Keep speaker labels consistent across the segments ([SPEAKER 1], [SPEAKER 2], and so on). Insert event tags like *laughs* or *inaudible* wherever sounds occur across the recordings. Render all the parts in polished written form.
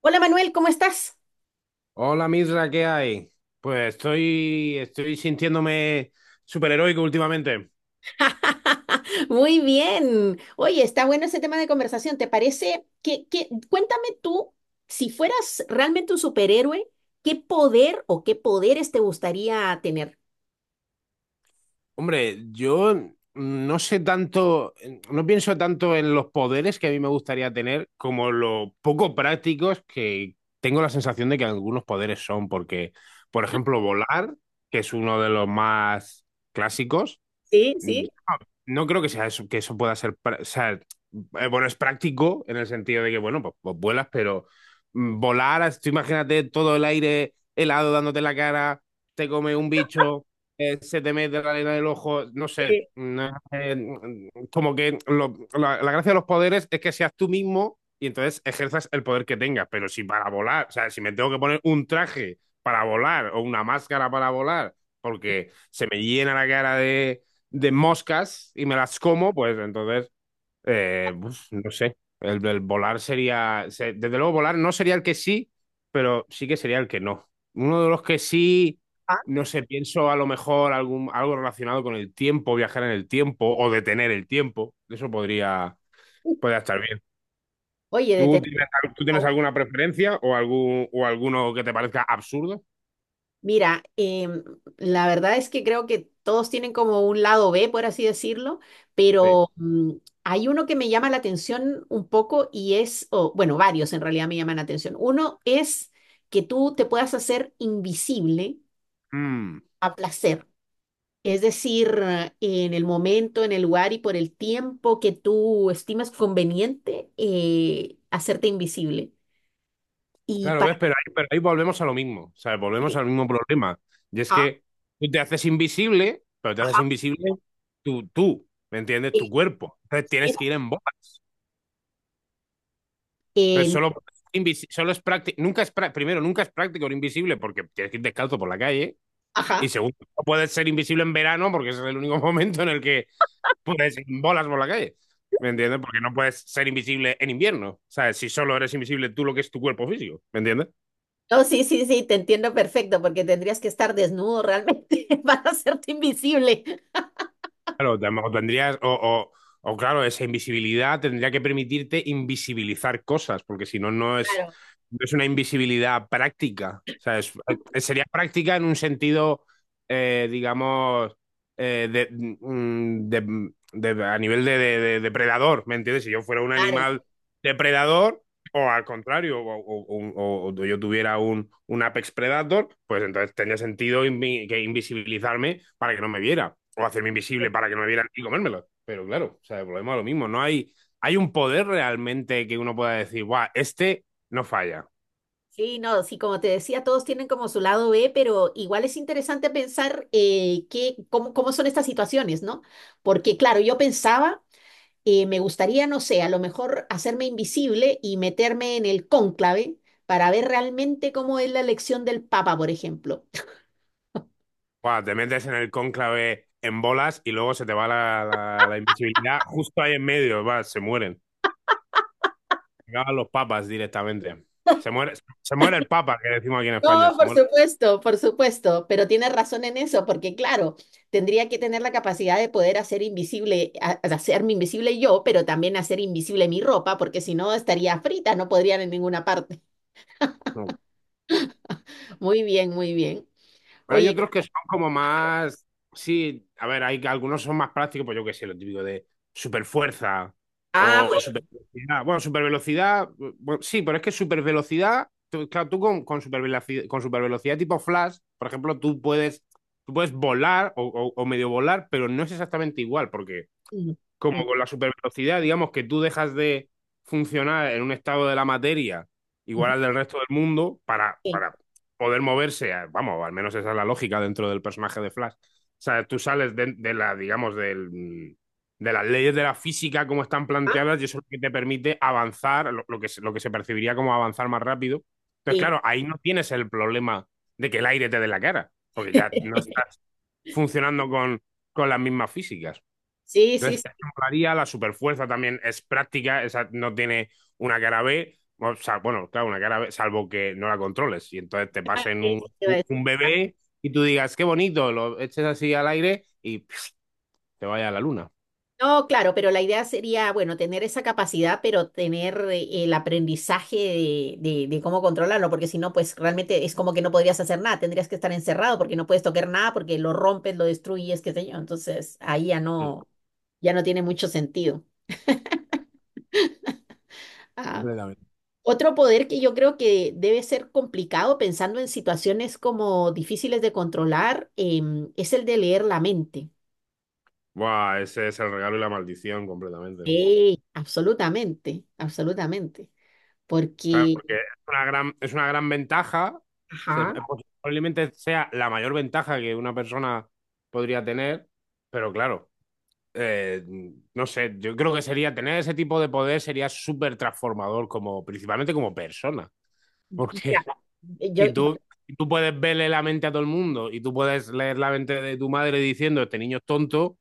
[SPEAKER 1] Hola Manuel, ¿cómo estás?
[SPEAKER 2] Hola Misra, ¿qué hay? Pues estoy sintiéndome superheroico últimamente.
[SPEAKER 1] *laughs* Muy bien. Oye, está bueno ese tema de conversación. ¿Te parece cuéntame tú, si fueras realmente un superhéroe, ¿qué poder o qué poderes te gustaría tener?
[SPEAKER 2] Hombre, yo no sé tanto, no pienso tanto en los poderes que a mí me gustaría tener como lo poco prácticos que tengo la sensación de que algunos poderes son, porque, por ejemplo, volar, que es uno de los más clásicos.
[SPEAKER 1] Sí, sí.
[SPEAKER 2] No creo que sea eso, que eso pueda ser, o sea, bueno, es práctico en el sentido de que, bueno, pues vuelas, pero volar, tú imagínate todo el aire helado dándote en la cara, te come un bicho, se te mete la arena del ojo, no sé,
[SPEAKER 1] eh,
[SPEAKER 2] no es, como que la gracia de los poderes es que seas tú mismo y entonces ejerzas el poder que tengas, pero si para volar, o sea, si me tengo que poner un traje para volar o una máscara para volar, porque se me llena la cara de moscas y me las como, pues entonces, uf, no sé, el volar sería, desde luego volar no sería el que sí, pero sí que sería el que no. Uno de los que sí,
[SPEAKER 1] ah,
[SPEAKER 2] no sé, pienso a lo mejor algo relacionado con el tiempo, viajar en el tiempo o detener el tiempo, eso podría estar bien.
[SPEAKER 1] Oye, de
[SPEAKER 2] ¿Tú
[SPEAKER 1] tener.
[SPEAKER 2] tienes, al- tú tienes alguna preferencia o, alguno que te parezca absurdo?
[SPEAKER 1] Mira, la verdad es que creo que todos tienen como un lado B, por así decirlo,
[SPEAKER 2] Sí.
[SPEAKER 1] pero hay uno que me llama la atención un poco y es, o, bueno, varios en realidad me llaman la atención. Uno es que tú te puedas hacer invisible
[SPEAKER 2] Mm.
[SPEAKER 1] a placer, es decir, en el momento, en el lugar y por el tiempo que tú estimas conveniente, hacerte invisible. Y
[SPEAKER 2] Claro,
[SPEAKER 1] para...
[SPEAKER 2] ves, pero ahí volvemos a lo mismo, ¿sabes? Volvemos al mismo problema. Y es
[SPEAKER 1] Ajá,
[SPEAKER 2] que tú te haces invisible, pero te haces
[SPEAKER 1] ajá,
[SPEAKER 2] invisible tú, ¿me entiendes?
[SPEAKER 1] eh,
[SPEAKER 2] Tu cuerpo. Entonces tienes que ir en bolas.
[SPEAKER 1] eh,
[SPEAKER 2] Entonces
[SPEAKER 1] en-
[SPEAKER 2] solo, solo es práctico, nunca es primero, nunca es práctico ir invisible porque tienes que ir descalzo por la calle. Y
[SPEAKER 1] ajá.
[SPEAKER 2] segundo, no puedes ser invisible en verano porque ese es el único *laughs* momento en el que puedes ir en bolas por la calle. ¿Me entiendes? Porque no puedes ser invisible en invierno. ¿Sabes? Si solo eres invisible tú lo que es tu cuerpo físico. ¿Me entiendes?
[SPEAKER 1] No, sí, sí, sí, te entiendo perfecto, porque tendrías que estar desnudo realmente *laughs* para hacerte invisible.
[SPEAKER 2] Claro, o tendrías, o claro, esa invisibilidad tendría que permitirte invisibilizar cosas, porque si no,
[SPEAKER 1] Claro,
[SPEAKER 2] no es una invisibilidad práctica. O sea, sería práctica en un sentido, digamos, de, mm, de- a nivel de, de depredador, ¿me entiendes? Si yo fuera un animal
[SPEAKER 1] claro.
[SPEAKER 2] depredador, o al contrario, o yo tuviera un Apex Predator, pues entonces tendría sentido que invisibilizarme para que no me viera, o hacerme invisible
[SPEAKER 1] eh,
[SPEAKER 2] para que no me vieran y comérmelo. Pero claro, o sea, el problema es lo mismo. No hay un poder realmente que uno pueda decir, guau, este no falla.
[SPEAKER 1] Sí, no, sí, como te decía, todos tienen como su lado B, pero igual es interesante pensar cómo, cómo son estas situaciones, ¿no? Porque, claro, yo pensaba, me gustaría, no sé, a lo mejor hacerme invisible y meterme en el cónclave para ver realmente cómo es la elección del Papa, por ejemplo.
[SPEAKER 2] Guau, te metes en el cónclave en bolas y luego se te va la invisibilidad justo ahí en medio, va, se mueren. Acaban los papas directamente. Se muere, se muere el papa, que decimos aquí en España,
[SPEAKER 1] No,
[SPEAKER 2] se muere.
[SPEAKER 1] por supuesto, pero tiene razón en eso, porque claro, tendría que tener la capacidad de poder hacer invisible, hacerme invisible yo, pero también hacer invisible mi ropa, porque si no estaría frita, no podría ir en ninguna parte.
[SPEAKER 2] No,
[SPEAKER 1] *laughs* Muy bien, muy bien.
[SPEAKER 2] pero hay
[SPEAKER 1] Oye,
[SPEAKER 2] otros que son como más. Sí, a ver, hay algunos son más prácticos, pues yo qué sé, lo típico de super fuerza
[SPEAKER 1] ah,
[SPEAKER 2] o super velocidad. Bueno, super velocidad, sí, pero es que super velocidad, claro, tú con super velocidad, con supervelocidad tipo Flash, por ejemplo, tú puedes volar o medio volar, pero no es exactamente igual, porque
[SPEAKER 1] bueno.
[SPEAKER 2] como
[SPEAKER 1] Mm, mm,
[SPEAKER 2] con la supervelocidad, digamos que tú dejas de funcionar en un estado de la materia igual
[SPEAKER 1] ujú,
[SPEAKER 2] al del resto del mundo para,
[SPEAKER 1] sí,
[SPEAKER 2] para poder moverse, vamos, al menos esa es la lógica dentro del personaje de Flash. O sea, tú sales digamos, de las leyes de la física como están
[SPEAKER 1] ah,
[SPEAKER 2] planteadas y eso es lo que te permite avanzar, lo que se percibiría como avanzar más rápido. Entonces,
[SPEAKER 1] sí.
[SPEAKER 2] claro, ahí no tienes el problema de que el aire te dé la cara, porque ya no
[SPEAKER 1] *laughs*
[SPEAKER 2] estás funcionando con las mismas físicas.
[SPEAKER 1] Sí, sí,
[SPEAKER 2] Entonces,
[SPEAKER 1] sí,
[SPEAKER 2] ejemplaría, la superfuerza también es práctica, esa no tiene una cara B, o sea, bueno, claro, una cara B, salvo que no la controles. Y entonces te pasen
[SPEAKER 1] eso te iba a.
[SPEAKER 2] un bebé y tú digas, qué bonito, lo eches así al aire y pf, te vaya a la luna.
[SPEAKER 1] No, claro, pero la idea sería, bueno, tener esa capacidad, pero tener el aprendizaje de, de cómo controlarlo, porque si no, pues realmente es como que no podrías hacer nada, tendrías que estar encerrado porque no puedes tocar nada, porque lo rompes, lo destruyes, qué sé yo. Entonces, ahí ya
[SPEAKER 2] Mm.
[SPEAKER 1] no, ya no tiene mucho sentido. Ah,
[SPEAKER 2] Completamente.
[SPEAKER 1] otro poder que yo creo que debe ser complicado pensando en situaciones como difíciles de controlar, es el de leer la mente.
[SPEAKER 2] Buah, ese es el regalo y la maldición completamente.
[SPEAKER 1] Sí, absolutamente, absolutamente.
[SPEAKER 2] Claro,
[SPEAKER 1] Porque,
[SPEAKER 2] porque es una gran ventaja, se- eh,
[SPEAKER 1] ajá.
[SPEAKER 2] posiblemente sea la mayor ventaja que una persona podría tener, pero claro. eh, no sé, yo creo que sería tener ese tipo de poder sería súper transformador, como, principalmente como persona. Porque
[SPEAKER 1] Mira,
[SPEAKER 2] *laughs* y
[SPEAKER 1] yo
[SPEAKER 2] tú, y tú puedes verle la mente a todo el mundo y tú puedes leer la mente de tu madre diciendo este niño es tonto,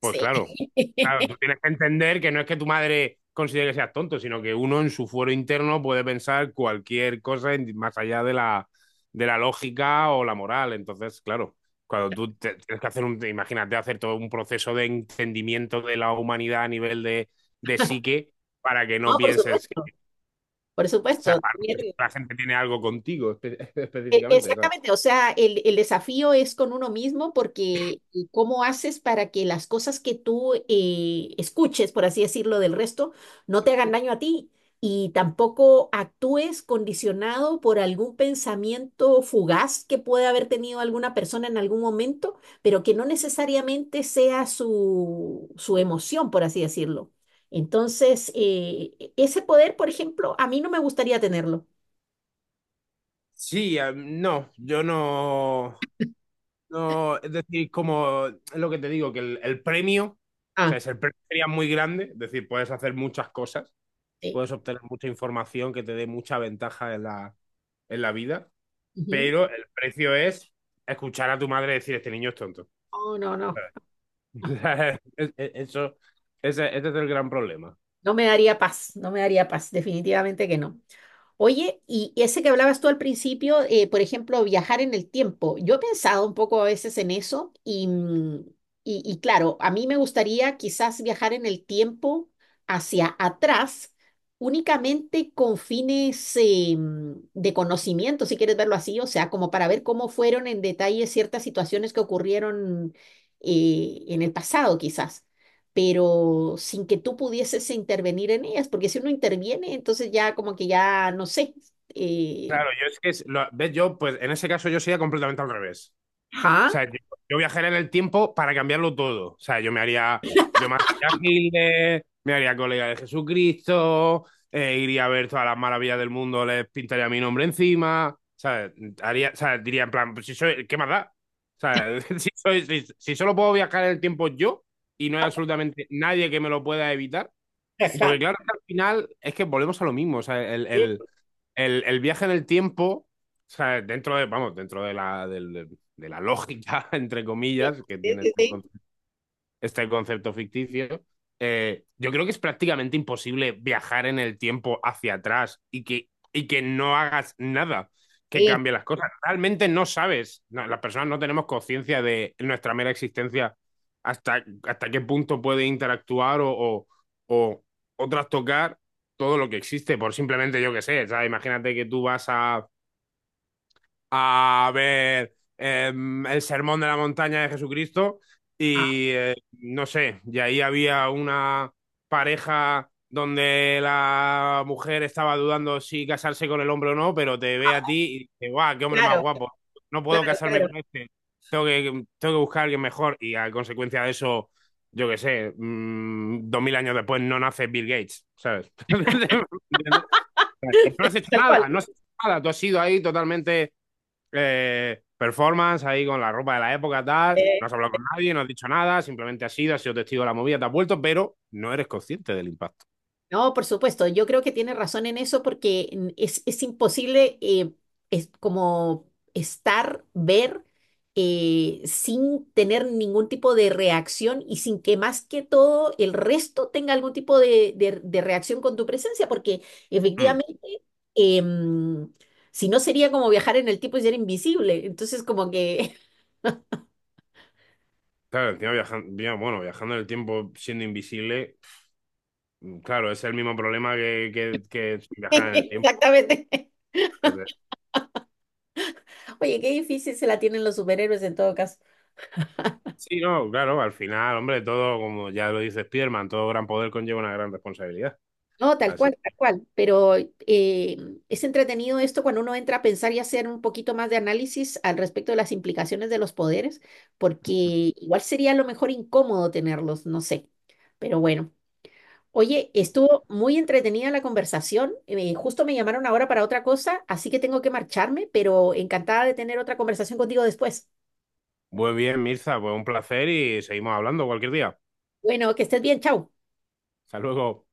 [SPEAKER 2] pues
[SPEAKER 1] sí.
[SPEAKER 2] claro, claro, tú
[SPEAKER 1] *laughs*
[SPEAKER 2] tienes que entender que no es que tu madre considere que seas tonto, sino que uno en su fuero interno puede pensar cualquier cosa más allá de la lógica o la moral. Entonces, claro, cuando tú tienes que hacer imagínate hacer todo un proceso de entendimiento de la humanidad a nivel de psique para que no
[SPEAKER 1] No, por
[SPEAKER 2] pienses que,
[SPEAKER 1] supuesto, por
[SPEAKER 2] o sea,
[SPEAKER 1] supuesto.
[SPEAKER 2] para que la gente tiene algo contigo *laughs* específicamente, ¿sabes?
[SPEAKER 1] Exactamente, o sea, el desafío es con uno mismo porque cómo haces para que las cosas que tú escuches, por así decirlo, del resto, no te hagan daño a ti y tampoco actúes condicionado por algún pensamiento fugaz que puede haber tenido alguna persona en algún momento, pero que no necesariamente sea su, su emoción, por así decirlo. Entonces, ese poder, por ejemplo, a mí no me gustaría tenerlo.
[SPEAKER 2] Sí, no, yo no. No, es decir, como es lo que te digo, que el premio, o
[SPEAKER 1] Ah,
[SPEAKER 2] sea, es el premio sería muy grande, es decir, puedes hacer muchas cosas,
[SPEAKER 1] sí.
[SPEAKER 2] puedes obtener mucha información que te dé mucha ventaja en la vida, pero el precio es escuchar a tu madre decir, este niño es tonto.
[SPEAKER 1] No, no, no. No,
[SPEAKER 2] *laughs* O sea, ese es el gran problema.
[SPEAKER 1] no me daría paz, no me daría paz, definitivamente que no. Oye, y ese que hablabas tú al principio, por ejemplo, viajar en el tiempo, yo he pensado un poco a veces en eso y claro, a mí me gustaría quizás viajar en el tiempo hacia atrás, únicamente con fines de conocimiento, si quieres verlo así, o sea, como para ver cómo fueron en detalle ciertas situaciones que ocurrieron en el pasado, quizás, pero sin que tú pudieses intervenir en ellas, porque si uno interviene, entonces ya como que ya, no sé. eh,
[SPEAKER 2] Claro, yo es que, ves, yo, pues en ese caso yo sería completamente al revés.
[SPEAKER 1] Ajá,
[SPEAKER 2] Sea, yo viajaría en el tiempo para cambiarlo todo. O sea, yo mataría a Hitler, me haría colega de Jesucristo, iría a ver todas las maravillas del mundo, les pintaría mi nombre encima. O sea, o sea, diría en plan, pues si soy, ¿qué más da? O sea, *laughs* si solo puedo viajar en el tiempo yo y no hay absolutamente nadie que me lo pueda evitar, porque
[SPEAKER 1] ajá.
[SPEAKER 2] claro, que al final es que volvemos a lo mismo. O sea, el,
[SPEAKER 1] Sí,
[SPEAKER 2] el- el- el viaje en el tiempo, o sea, vamos, dentro de la, del- del- de la lógica, *laughs* entre
[SPEAKER 1] sí,
[SPEAKER 2] comillas, que
[SPEAKER 1] sí,
[SPEAKER 2] tiene
[SPEAKER 1] sí,
[SPEAKER 2] este concepto ficticio, yo creo que es prácticamente imposible viajar en el tiempo hacia atrás y que no hagas nada que
[SPEAKER 1] sí,
[SPEAKER 2] cambie las cosas. Realmente no sabes, no, las personas no tenemos conciencia de nuestra mera existencia hasta qué punto puede interactuar o, o trastocar todo lo que existe, por simplemente yo qué sé, ¿sabes? Imagínate que tú vas a ver el Sermón de la Montaña de Jesucristo
[SPEAKER 1] ajá.
[SPEAKER 2] y no sé, y ahí había una pareja donde la mujer estaba dudando si casarse con el hombre o no, pero te ve a ti y dice, guau, qué hombre más
[SPEAKER 1] Claro,
[SPEAKER 2] guapo, no puedo
[SPEAKER 1] claro,
[SPEAKER 2] casarme
[SPEAKER 1] claro,
[SPEAKER 2] con este, tengo que, tengo que buscar a alguien mejor y a consecuencia de eso, yo qué sé, 2000 años después no nace Bill Gates, ¿sabes? *laughs* Y no has hecho
[SPEAKER 1] tal cual.
[SPEAKER 2] nada, no has hecho nada, tú has sido ahí totalmente performance ahí con la ropa de la época, tal. No has hablado con nadie, no has dicho nada, simplemente has ido, has sido testigo de la movida, te has vuelto, pero no eres consciente del impacto.
[SPEAKER 1] No, por supuesto, yo creo que tiene razón en eso porque es imposible es como estar, ver, sin tener ningún tipo de reacción y sin que más que todo el resto tenga algún tipo de, de reacción con tu presencia, porque
[SPEAKER 2] Mm.
[SPEAKER 1] efectivamente, eh, mm, si no sería como viajar en el tiempo y ser invisible, entonces como que,
[SPEAKER 2] Claro, encima viajando, bueno, viajando en el tiempo siendo invisible, claro, es el mismo problema que
[SPEAKER 1] *laughs*
[SPEAKER 2] viajar en el tiempo.
[SPEAKER 1] exactamente,
[SPEAKER 2] Es de-
[SPEAKER 1] oye, qué difícil se la tienen los superhéroes en todo caso.
[SPEAKER 2] Sí, no, claro, al final, hombre, todo, como ya lo dice Spiderman, todo gran poder conlleva una gran responsabilidad.
[SPEAKER 1] No, tal
[SPEAKER 2] Así.
[SPEAKER 1] cual, tal cual. Pero es entretenido esto cuando uno entra a pensar y hacer un poquito más de análisis al respecto de las implicaciones de los poderes, porque igual sería a lo mejor incómodo tenerlos, no sé. Pero bueno, oye, estuvo muy entretenida la conversación. Justo me llamaron ahora para otra cosa, así que tengo que marcharme, pero encantada de tener otra conversación contigo después.
[SPEAKER 2] Muy bien, Mirza, pues un placer y seguimos hablando cualquier día.
[SPEAKER 1] Bueno, que estés bien, chao.
[SPEAKER 2] Hasta luego.